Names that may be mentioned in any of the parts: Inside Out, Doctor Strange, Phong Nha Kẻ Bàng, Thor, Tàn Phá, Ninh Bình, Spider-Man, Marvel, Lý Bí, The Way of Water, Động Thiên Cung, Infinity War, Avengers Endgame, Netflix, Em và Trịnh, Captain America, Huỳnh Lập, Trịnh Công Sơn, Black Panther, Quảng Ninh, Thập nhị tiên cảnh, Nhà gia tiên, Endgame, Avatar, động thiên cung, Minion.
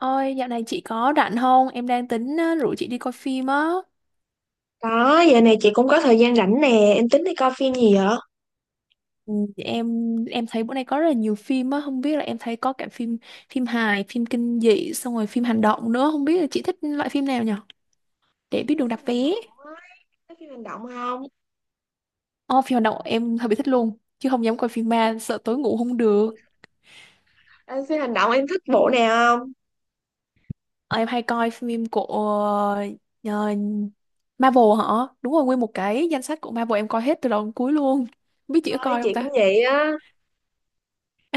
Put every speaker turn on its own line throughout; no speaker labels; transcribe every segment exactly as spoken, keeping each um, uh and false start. Ôi, dạo này chị có rảnh không? Em đang tính ờ, rủ chị đi coi phim á.
Có, giờ này chị cũng có thời gian rảnh nè, em tính đi coi phim gì vậy?
Ừ, Em em thấy bữa nay có rất là nhiều phim á, không biết là em thấy có cả phim phim hài, phim kinh dị, xong rồi phim hành động nữa, không biết là chị thích loại phim nào nhở? Để
Chị
biết
thích
đường
phim
đặt vé.
hành động á, thích phim hành động không?
Ồ, phim hành động em hơi bị thích luôn, chứ không dám coi phim ma, sợ tối ngủ không được.
Ờ, phim hành động em thích bộ nào không?
Ờ, Em hay coi phim của ờ, Marvel hả? Đúng rồi, nguyên một cái danh sách của Marvel em coi hết từ đầu đến cuối luôn. Không biết chị có
Thôi
coi không
chị
ta?
cũng vậy á.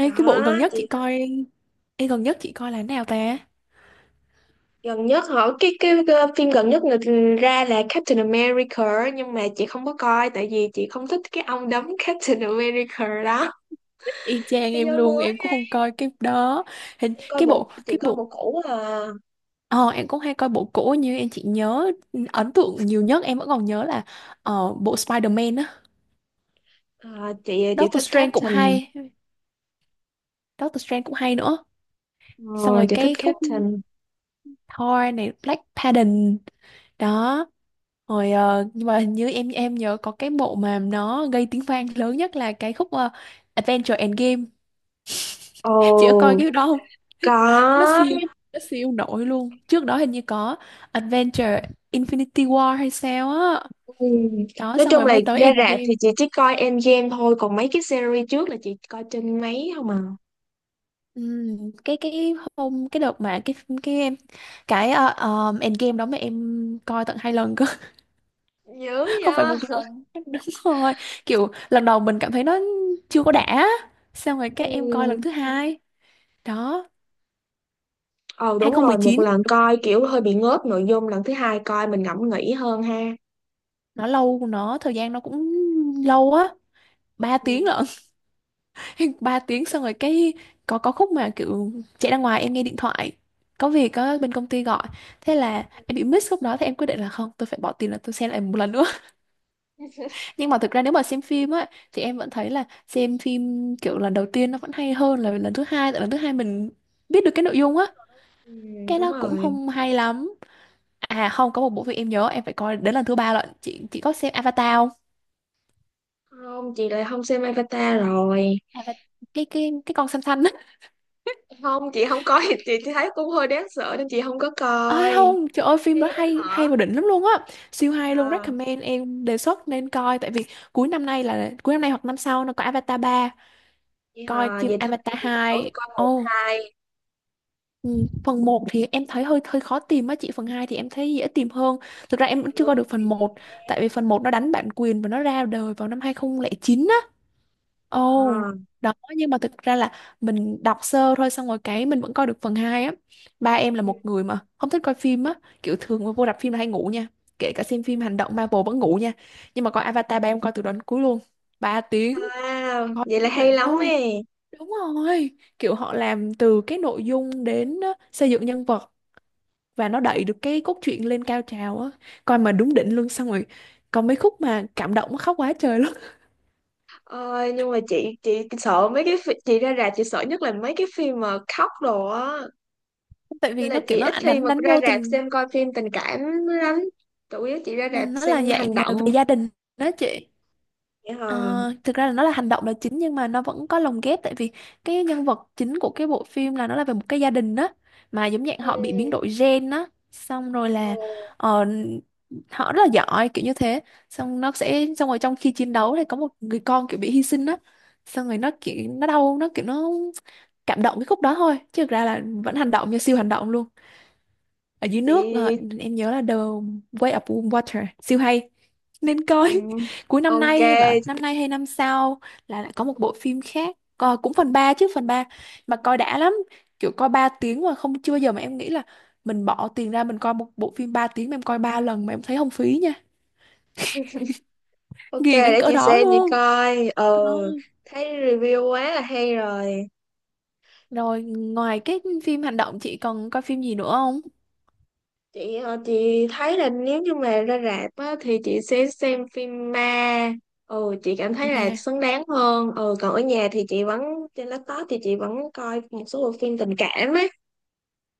Có,
cái bộ gần nhất
chị
chị coi. Ê, gần nhất chị coi là nào ta?
gần nhất hả? Cái, cái, cái phim gần nhất người ra là Captain America nhưng mà chị không có coi tại vì chị không thích cái ông đóng Captain America đó.
Y chang
Thế
em
giới
luôn,
mới
em
á,
cũng không coi cái đó. Hình
em coi
cái
bộ,
bộ
chị
cái
coi
bộ
bộ cũ à.
Ờ, em cũng hay coi bộ cũ như em chỉ nhớ ấn tượng nhiều nhất em vẫn còn nhớ là ờ, bộ Spider-Man á.
Ờ, chị chị
Doctor
thích
Strange cũng
Captain.
hay, Doctor Strange cũng hay nữa. Xong
Ờ,
rồi
chị thích
cái khúc
Captain.
Thor này Black Panther đó. Rồi ờ, nhưng mà hình như em em nhớ có cái bộ mà nó gây tiếng vang lớn nhất là cái khúc ờ, Avengers Endgame. Chị có coi
Ồ,
cái đó không?
có.
Nó siêu, nó siêu nổi luôn, trước đó hình như có Adventure Infinity War hay sao á,
Ừ.
đó
Nói
xong
chung
rồi
là
mới tới
ra rạp
Endgame.
thì chị chỉ coi Endgame thôi, còn mấy cái series trước là chị coi trên máy không à.
Ừm, cái cái hôm cái đợt mà cái cái em cái ờ, ờm, Endgame đó mà em coi tận hai lần cơ.
Dữ
Không phải một
vậy.
lần. Đúng rồi, kiểu lần đầu mình cảm thấy nó chưa có đã, xong rồi
Ừ.
các em coi lần thứ hai đó,
Ờ
hai
đúng
không một
rồi, một
chín
lần coi kiểu hơi bị ngớp nội dung, lần thứ hai coi mình ngẫm nghĩ hơn ha.
nó lâu, nó thời gian nó cũng lâu á, ba tiếng
Ừ.
lận. Ba tiếng, xong rồi cái có có khúc mà kiểu chạy ra ngoài em nghe điện thoại, có việc, có bên công ty gọi, thế là em bị miss khúc đó, thì em quyết định là không, tôi phải bỏ tiền là tôi xem lại một lần nữa. Nhưng mà thực ra nếu mà xem phim á thì em vẫn thấy là xem phim kiểu lần đầu tiên nó vẫn hay hơn là lần thứ hai, tại lần thứ hai mình biết được cái nội dung á,
Ừ,
cái
đúng
nó cũng
rồi.
không hay lắm. À không, có một bộ phim em nhớ em phải coi đến lần thứ ba lận, chị chị có xem Avatar không?
Không, chị lại không xem Avatar rồi.
Avatar, cái cái cái con xanh xanh á.
Không, chị không coi, chị thấy cũng hơi đáng sợ nên chị không có
Ơi
coi.
không, trời ơi phim đó
Ghê lắm
hay, hay
hả?
và đỉnh lắm luôn á. Siêu
Vậy
hay luôn,
hả?
recommend em đề xuất nên coi tại vì cuối năm nay, là cuối năm nay hoặc năm sau nó có Avatar ba,
Vậy
coi
hả,
phim
vậy thôi
Avatar
để chị tranh thủ cho
hai.
coi một
Ồ,
hai.
ừ, phần một thì em thấy hơi hơi khó tìm á chị, phần hai thì em thấy dễ tìm hơn. Thực ra em vẫn
Nội
chưa coi
dung
được
là
phần
gì
một tại
vậy?
vì phần một nó đánh bản quyền và nó ra đời vào năm hai nghìn không trăm lẻ chín. Ồ,
À.
đó nhưng mà thực ra là mình đọc sơ thôi xong rồi cái mình vẫn coi được phần hai á. Ba em là
Ừ.
một người mà không thích coi phim á, kiểu thường mà vô rạp phim là hay ngủ nha. Kể cả xem
Ừ.
phim hành động Marvel vẫn ngủ nha. Nhưng mà coi Avatar ba em coi từ đầu đến cuối luôn. Ba tiếng,
Wow,
coi
vậy là
đúng
hay
đỉnh
lắm
luôn.
ấy.
Đúng rồi, kiểu họ làm từ cái nội dung đến á, xây dựng nhân vật và nó đẩy được cái cốt truyện lên cao trào á. Coi mà đúng đỉnh luôn, xong rồi còn mấy khúc mà cảm động khóc quá trời luôn.
Ờ, nhưng mà chị chị sợ mấy cái phi- chị ra rạp chị sợ nhất là mấy cái phim mà khóc đồ á.
Tại
Nên
vì
là
nó kiểu
chị
nó
ít khi
đánh,
mà
đánh
ra
vô
rạp
tình.
xem coi phim tình cảm lắm. Chủ yếu chị ra
Ừ,
rạp
nó là
xem
dạng
hành
người
động.
về gia đình đó chị.
Vậy hả?
Ờ, thực ra là nó là hành động là chính, nhưng mà nó vẫn có lồng ghép, tại vì cái nhân vật chính của cái bộ phim là nó là về một cái gia đình đó, mà giống dạng
Ừ.
họ bị biến đổi gen đó, xong rồi
Ừ.
là ờ, họ rất là giỏi kiểu như thế, xong nó sẽ xong rồi trong khi chiến đấu thì có một người con kiểu bị hy sinh đó, xong rồi nó kiểu nó đau, nó kiểu nó cảm động cái khúc đó thôi, chứ thực ra là vẫn hành động, như siêu hành động luôn, ở dưới nước. ờ,
Chị
em nhớ là The Way of Water siêu hay, nên
ừ.
coi. Cuối năm
Ok,
nay hay vậy, năm nay hay năm sau là lại có một bộ phim khác. Coi cũng phần ba, chứ phần ba mà coi đã lắm, kiểu coi ba tiếng mà không, chưa bao giờ mà em nghĩ là mình bỏ tiền ra mình coi một bộ phim ba tiếng mà em coi ba lần mà em thấy không phí nha,
ok,
nghiền đến
để
cỡ
chị
đó
xem chị
luôn.
coi. Ờ,
Ờ.
thấy review quá là hay rồi.
Rồi ngoài cái phim hành động chị còn coi phim gì nữa không
chị ờ, chị thấy là nếu như mà ra rạp á thì chị sẽ xem phim ma, ừ chị cảm thấy là
mà?
xứng đáng hơn. Ừ, còn ở nhà thì chị vẫn, trên laptop thì chị vẫn coi một số bộ phim tình cảm ấy.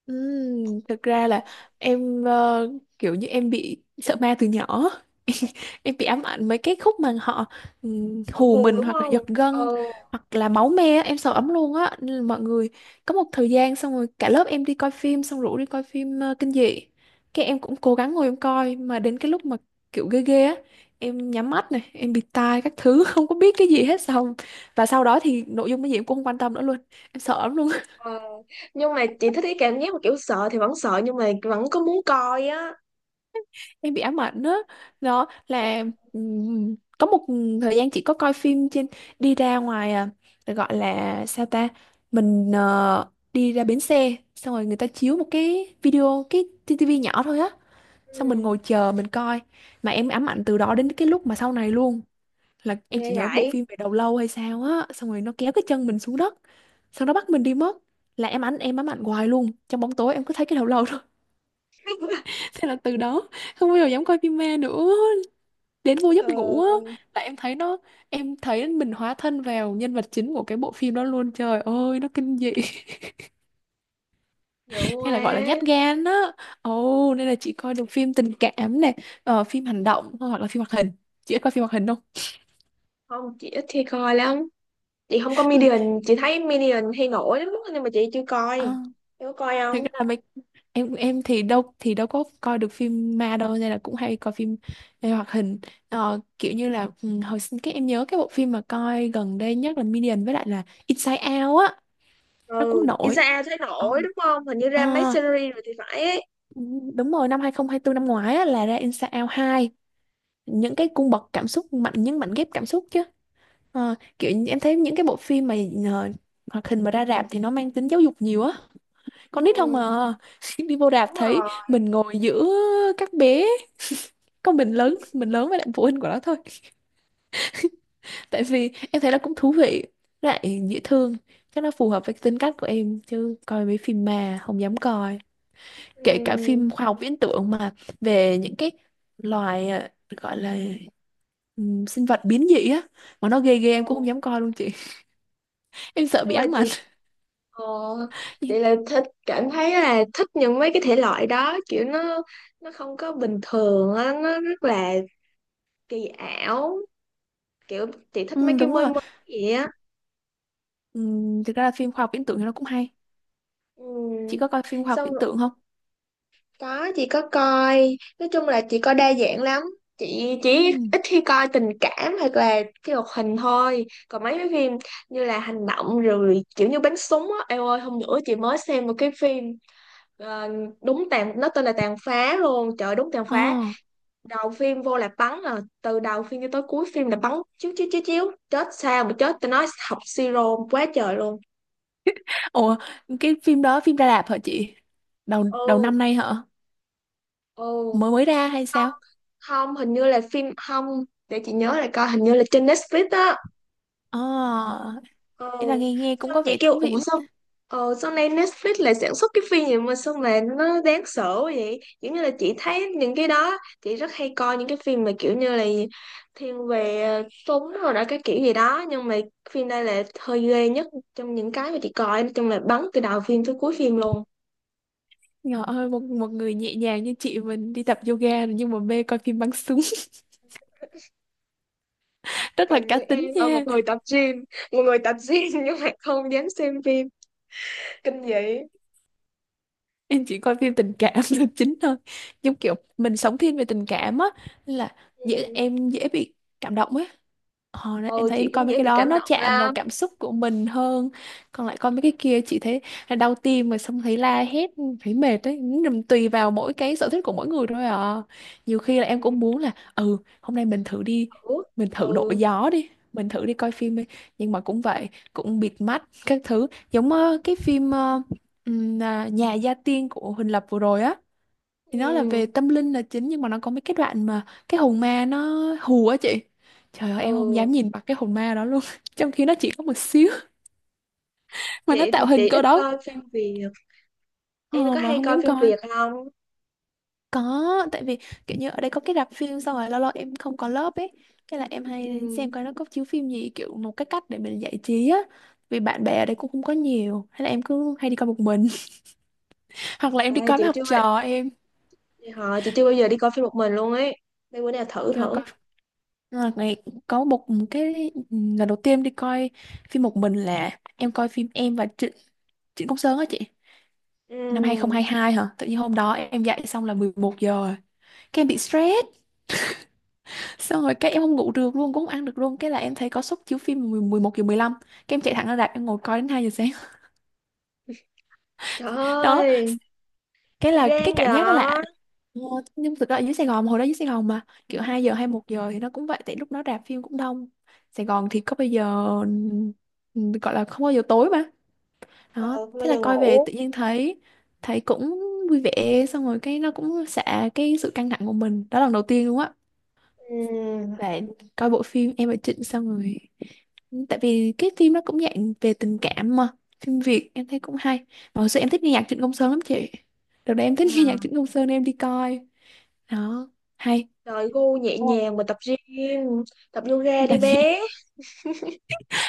Ừm, thực ra là em ờ, kiểu như em bị sợ ma từ nhỏ. Em bị ám ảnh mấy cái khúc mà họ ừm,
Còn
hù
hù
mình
đúng
hoặc là
không?
giật gân
Ừ.
hoặc là máu me á, em sợ lắm luôn á. Nên là mọi người có một thời gian xong rồi cả lớp em đi coi phim, xong rủ đi coi phim ờ, kinh dị, cái em cũng cố gắng ngồi em coi mà đến cái lúc mà kiểu ghê ghê á, em nhắm mắt này em bịt tai các thứ. Không có biết cái gì hết, xong và sau đó thì nội dung cái gì em cũng không quan tâm nữa luôn, em sợ lắm luôn,
Ờ. Nhưng mà chị thích cái cảm giác mà kiểu sợ thì vẫn sợ nhưng mà vẫn có muốn coi á.
em bị ám ảnh á. Đó là ừm, có một thời gian chị có coi phim trên, đi ra ngoài à, gọi là sao ta, mình ờ, đi ra bến xe xong rồi người ta chiếu một cái video, cái tivi nhỏ thôi á,
Ừ.
xong mình ngồi chờ mình coi mà em ám ảnh từ đó đến cái lúc mà sau này luôn, là em
Nghe
chỉ nhớ bộ
vậy.
phim về đầu lâu hay sao á, xong rồi nó kéo cái chân mình xuống đất, xong nó bắt mình đi mất, là em ảnh em ám ảnh hoài luôn, trong bóng tối em cứ thấy cái đầu lâu thôi. Thế là từ đó không bao giờ dám coi phim ma nữa, đến vô
Ừ.
giấc ngủ á là em thấy nó, em thấy mình hóa thân vào nhân vật chính của cái bộ phim đó luôn, trời ơi nó kinh dị.
Dữ
Hay là gọi là nhát
quá.
gan á, ồ nên là chị coi được phim tình cảm này, ờ, phim hành động hoặc là phim hoạt hình, chị có coi phim hoạt hình không?
Không, chị ít khi coi lắm. Chị không có
Ừ.
Minion, chị thấy Minion hay nổi lắm nhưng mà chị chưa
À,
coi. Chị có coi
thực
không?
ra là mấy em em thì đâu thì đâu có coi được phim ma đâu, nên là cũng hay coi phim về hoạt hình. Ờ, kiểu như là ừ, hồi sinh cái em nhớ cái bộ phim mà coi gần đây nhất là Minion với lại là Inside Out á, nó
Ừ.
cũng nổi.
Isaiah thấy
Ờ.
nổi đúng không, hình như
Ờ,
ra mấy series rồi thì phải ấy.
đúng rồi, năm hai nghìn không trăm hai mươi tư năm ngoái á, là ra Inside hai, những cái cung bậc cảm xúc mạnh, những mảnh ghép cảm xúc chứ. Ờ, kiểu như em thấy những cái bộ phim mà ờ, hoạt hình mà ra rạp thì nó mang tính giáo dục nhiều á, con nít không
Ừ,
mà. Đi vô rạp
đúng
thấy
rồi.
mình ngồi giữa các bé. Có mình lớn, mình lớn với lại phụ huynh của nó thôi, tại vì em thấy nó cũng thú vị, lại dễ thương, chắc nó phù hợp với tính cách của em, chứ coi mấy phim mà không dám coi, kể cả
Ừ.
phim khoa học viễn tưởng mà về những cái loài ờ, gọi là ừm, sinh vật biến dị á, mà nó ghê ghê
Ừ.
em cũng không dám coi luôn chị. Em sợ
Nhưng
bị
mà
ám ảnh.
chị ờ, chị là thích, cảm thấy là thích những mấy cái thể loại đó, kiểu nó nó không có bình thường á, nó rất là kỳ ảo, kiểu chị thích mấy
Ừ,
cái
đúng
mới
rồi.
mới vậy á.
Ừm, thực ra là phim khoa học viễn tưởng thì nó cũng hay, chị
Ừ.
có coi phim khoa học
Xong.
viễn tưởng không?
Có, chị có coi, nói chung là chị coi đa dạng lắm. Chị chỉ
Ừm.
ít khi coi tình cảm hoặc là cái hoạt hình thôi. Còn mấy cái phim như là hành động rồi kiểu như bắn súng á, eo ơi hôm nữa chị mới xem một cái phim, ờ, đúng tàn nó tên là Tàn Phá luôn, trời ơi, đúng Tàn
Ờ.
Phá. Đầu phim vô là bắn à, từ đầu phim cho tới cuối phim là bắn, chiếu chiếu chiếu chiếu, chết sao mà chết, tao nói học siro quá trời luôn.
Ủa, cái phim đó phim ra rạp hả chị? Đầu đầu
Ừ,
năm nay hả?
ừ.
Mới mới ra hay sao?
Không, hình như là phim, không, để chị nhớ lại coi, hình như là trên Netflix á.
Ờ,
Ừ.
thế là nghe, nghe cũng
Xong
có
chị
vẻ
kêu
thú vị
ủa sao
quá.
ờ sau này Netflix lại sản xuất cái phim gì mà sao mà nó đáng sợ quá vậy, giống như là chị thấy những cái đó, chị rất hay coi những cái phim mà kiểu như là thiên về ờ, súng rồi đó, cái kiểu gì đó, nhưng mà phim đây là hơi ghê nhất trong những cái mà chị coi, nói chung là bắn từ đầu phim tới cuối phim luôn.
Trời ơi, một, một người nhẹ nhàng như chị mình đi tập yoga rồi nhưng mà mê coi phim bắn súng. Rất là
Còn như
cá
em
tính
là
nha.
một người tập gym, một người tập gym nhưng mà không dám xem phim kinh dị.
Em chỉ coi phim tình cảm là chính thôi, giống kiểu mình sống thiên về tình cảm á, là dễ,
Ừ.
em dễ bị cảm động á. Ờ, đấy, em
Ừ,
thấy
chị
em coi
cũng
mấy
dễ
cái
bị
đó
cảm
nó
động
chạm vào
lắm.
cảm xúc của mình hơn, còn lại coi mấy cái kia chị thấy là đau tim rồi xong thấy la hét, thấy mệt đấy. Nhưng tùy vào mỗi cái sở thích của mỗi người thôi à, nhiều khi là em cũng muốn là ừ hôm nay mình thử đi,
Ừ.
mình thử đổi
Ừ.
gió đi, mình thử đi coi phim đi, nhưng mà cũng vậy, cũng bịt mắt các thứ, giống ờ, cái phim ờ, ừm, à, Nhà gia tiên của Huỳnh Lập vừa rồi á, thì nó là về
Ừ,
tâm linh là chính, nhưng mà nó có mấy cái đoạn mà cái hồn ma nó hù á chị, trời ơi em không
ừ.
dám nhìn mặt cái hồn ma đó luôn. Trong khi nó chỉ có một xíu. Mà nó
Chị thì
tạo
chị
hình cỡ
ít
đó,
coi phim Việt. Em
ờ,
có
mà
hay
không
coi
dám
phim
coi.
Việt không?
Có, tại vì kiểu như ở đây có cái rạp phim, xong rồi lâu lâu em không có lớp ấy, cái là em hay xem
Ừ.
coi nó có chiếu phim gì, kiểu một cái cách để mình giải trí á, vì bạn bè ở đây cũng không có nhiều, hay là em cứ hay đi coi một mình. Hoặc là em đi
Ê,
coi
chị
với học
chưa
trò em,
họ chị chưa bao giờ đi coi phim một mình luôn ấy, để bữa nào thử
kiểu.
thử.
Là ngày có một cái lần đầu tiên đi coi phim một mình là em coi phim em và Trịnh, Trịnh Công Sơn á chị, năm hai không
Ừ.
hai hai hả, tự nhiên hôm đó em dậy xong là mười một giờ rồi. Cái em bị stress xong rồi cái em không ngủ được luôn, cũng không ăn được luôn, cái là em thấy có suất chiếu phim mười 11 giờ mười lăm, cái em chạy thẳng ra rạp em ngồi coi đến hai giờ sáng.
Trời
Đó
ơi,
cái là cái
gan vậy.
cảm giác đó là. Ờ, nhưng thực ra ở dưới Sài Gòn hồi đó, dưới Sài Gòn mà kiểu hai giờ hay một giờ thì nó cũng vậy, tại lúc đó rạp phim cũng đông, Sài Gòn thì có bây giờ ừ, gọi là không bao giờ tối mà,
Ờ,
đó
không bao
thế là
giờ
coi về
ngủ.
tự nhiên thấy, thấy cũng vui vẻ xong rồi cái nó cũng xả cái sự căng thẳng của mình, đó là lần đầu tiên luôn á.
Ừ.
Và coi bộ phim Em và Trịnh xong rồi, tại vì cái phim nó cũng dạng về tình cảm mà, phim Việt em thấy cũng hay, mà hồi xưa em thích nghe nhạc Trịnh Công Sơn lắm chị, đợt đấy em thích nghe nhạc
Yeah.
Trịnh Công Sơn nên em đi coi. Đó hay.
Trời, gu nhẹ
Ồ.
nhàng mà tập gym, tập yoga
Là
đi
gì,
bé.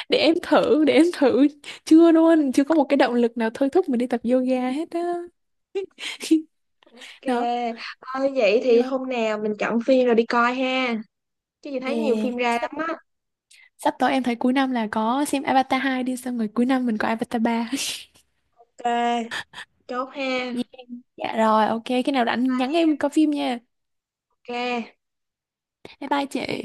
để em thử, để em thử chưa luôn, chưa có một cái động lực nào thôi thúc mình đi tập yoga hết á.
Ok.
Đó.
Thôi vậy thì
Đó.
hôm nào mình chọn phim rồi đi coi ha, chứ chị thấy nhiều
Yeah.
phim ra
Sắp
lắm á.
Sắp tới em thấy cuối năm là có xem Avatar hai đi, xong rồi cuối năm mình có Avatar ba.
Ok, chốt ha.
Dạ, dạ rồi, ok, khi nào rảnh nhắn em coi phim nha.
Ok
Bye bye chị.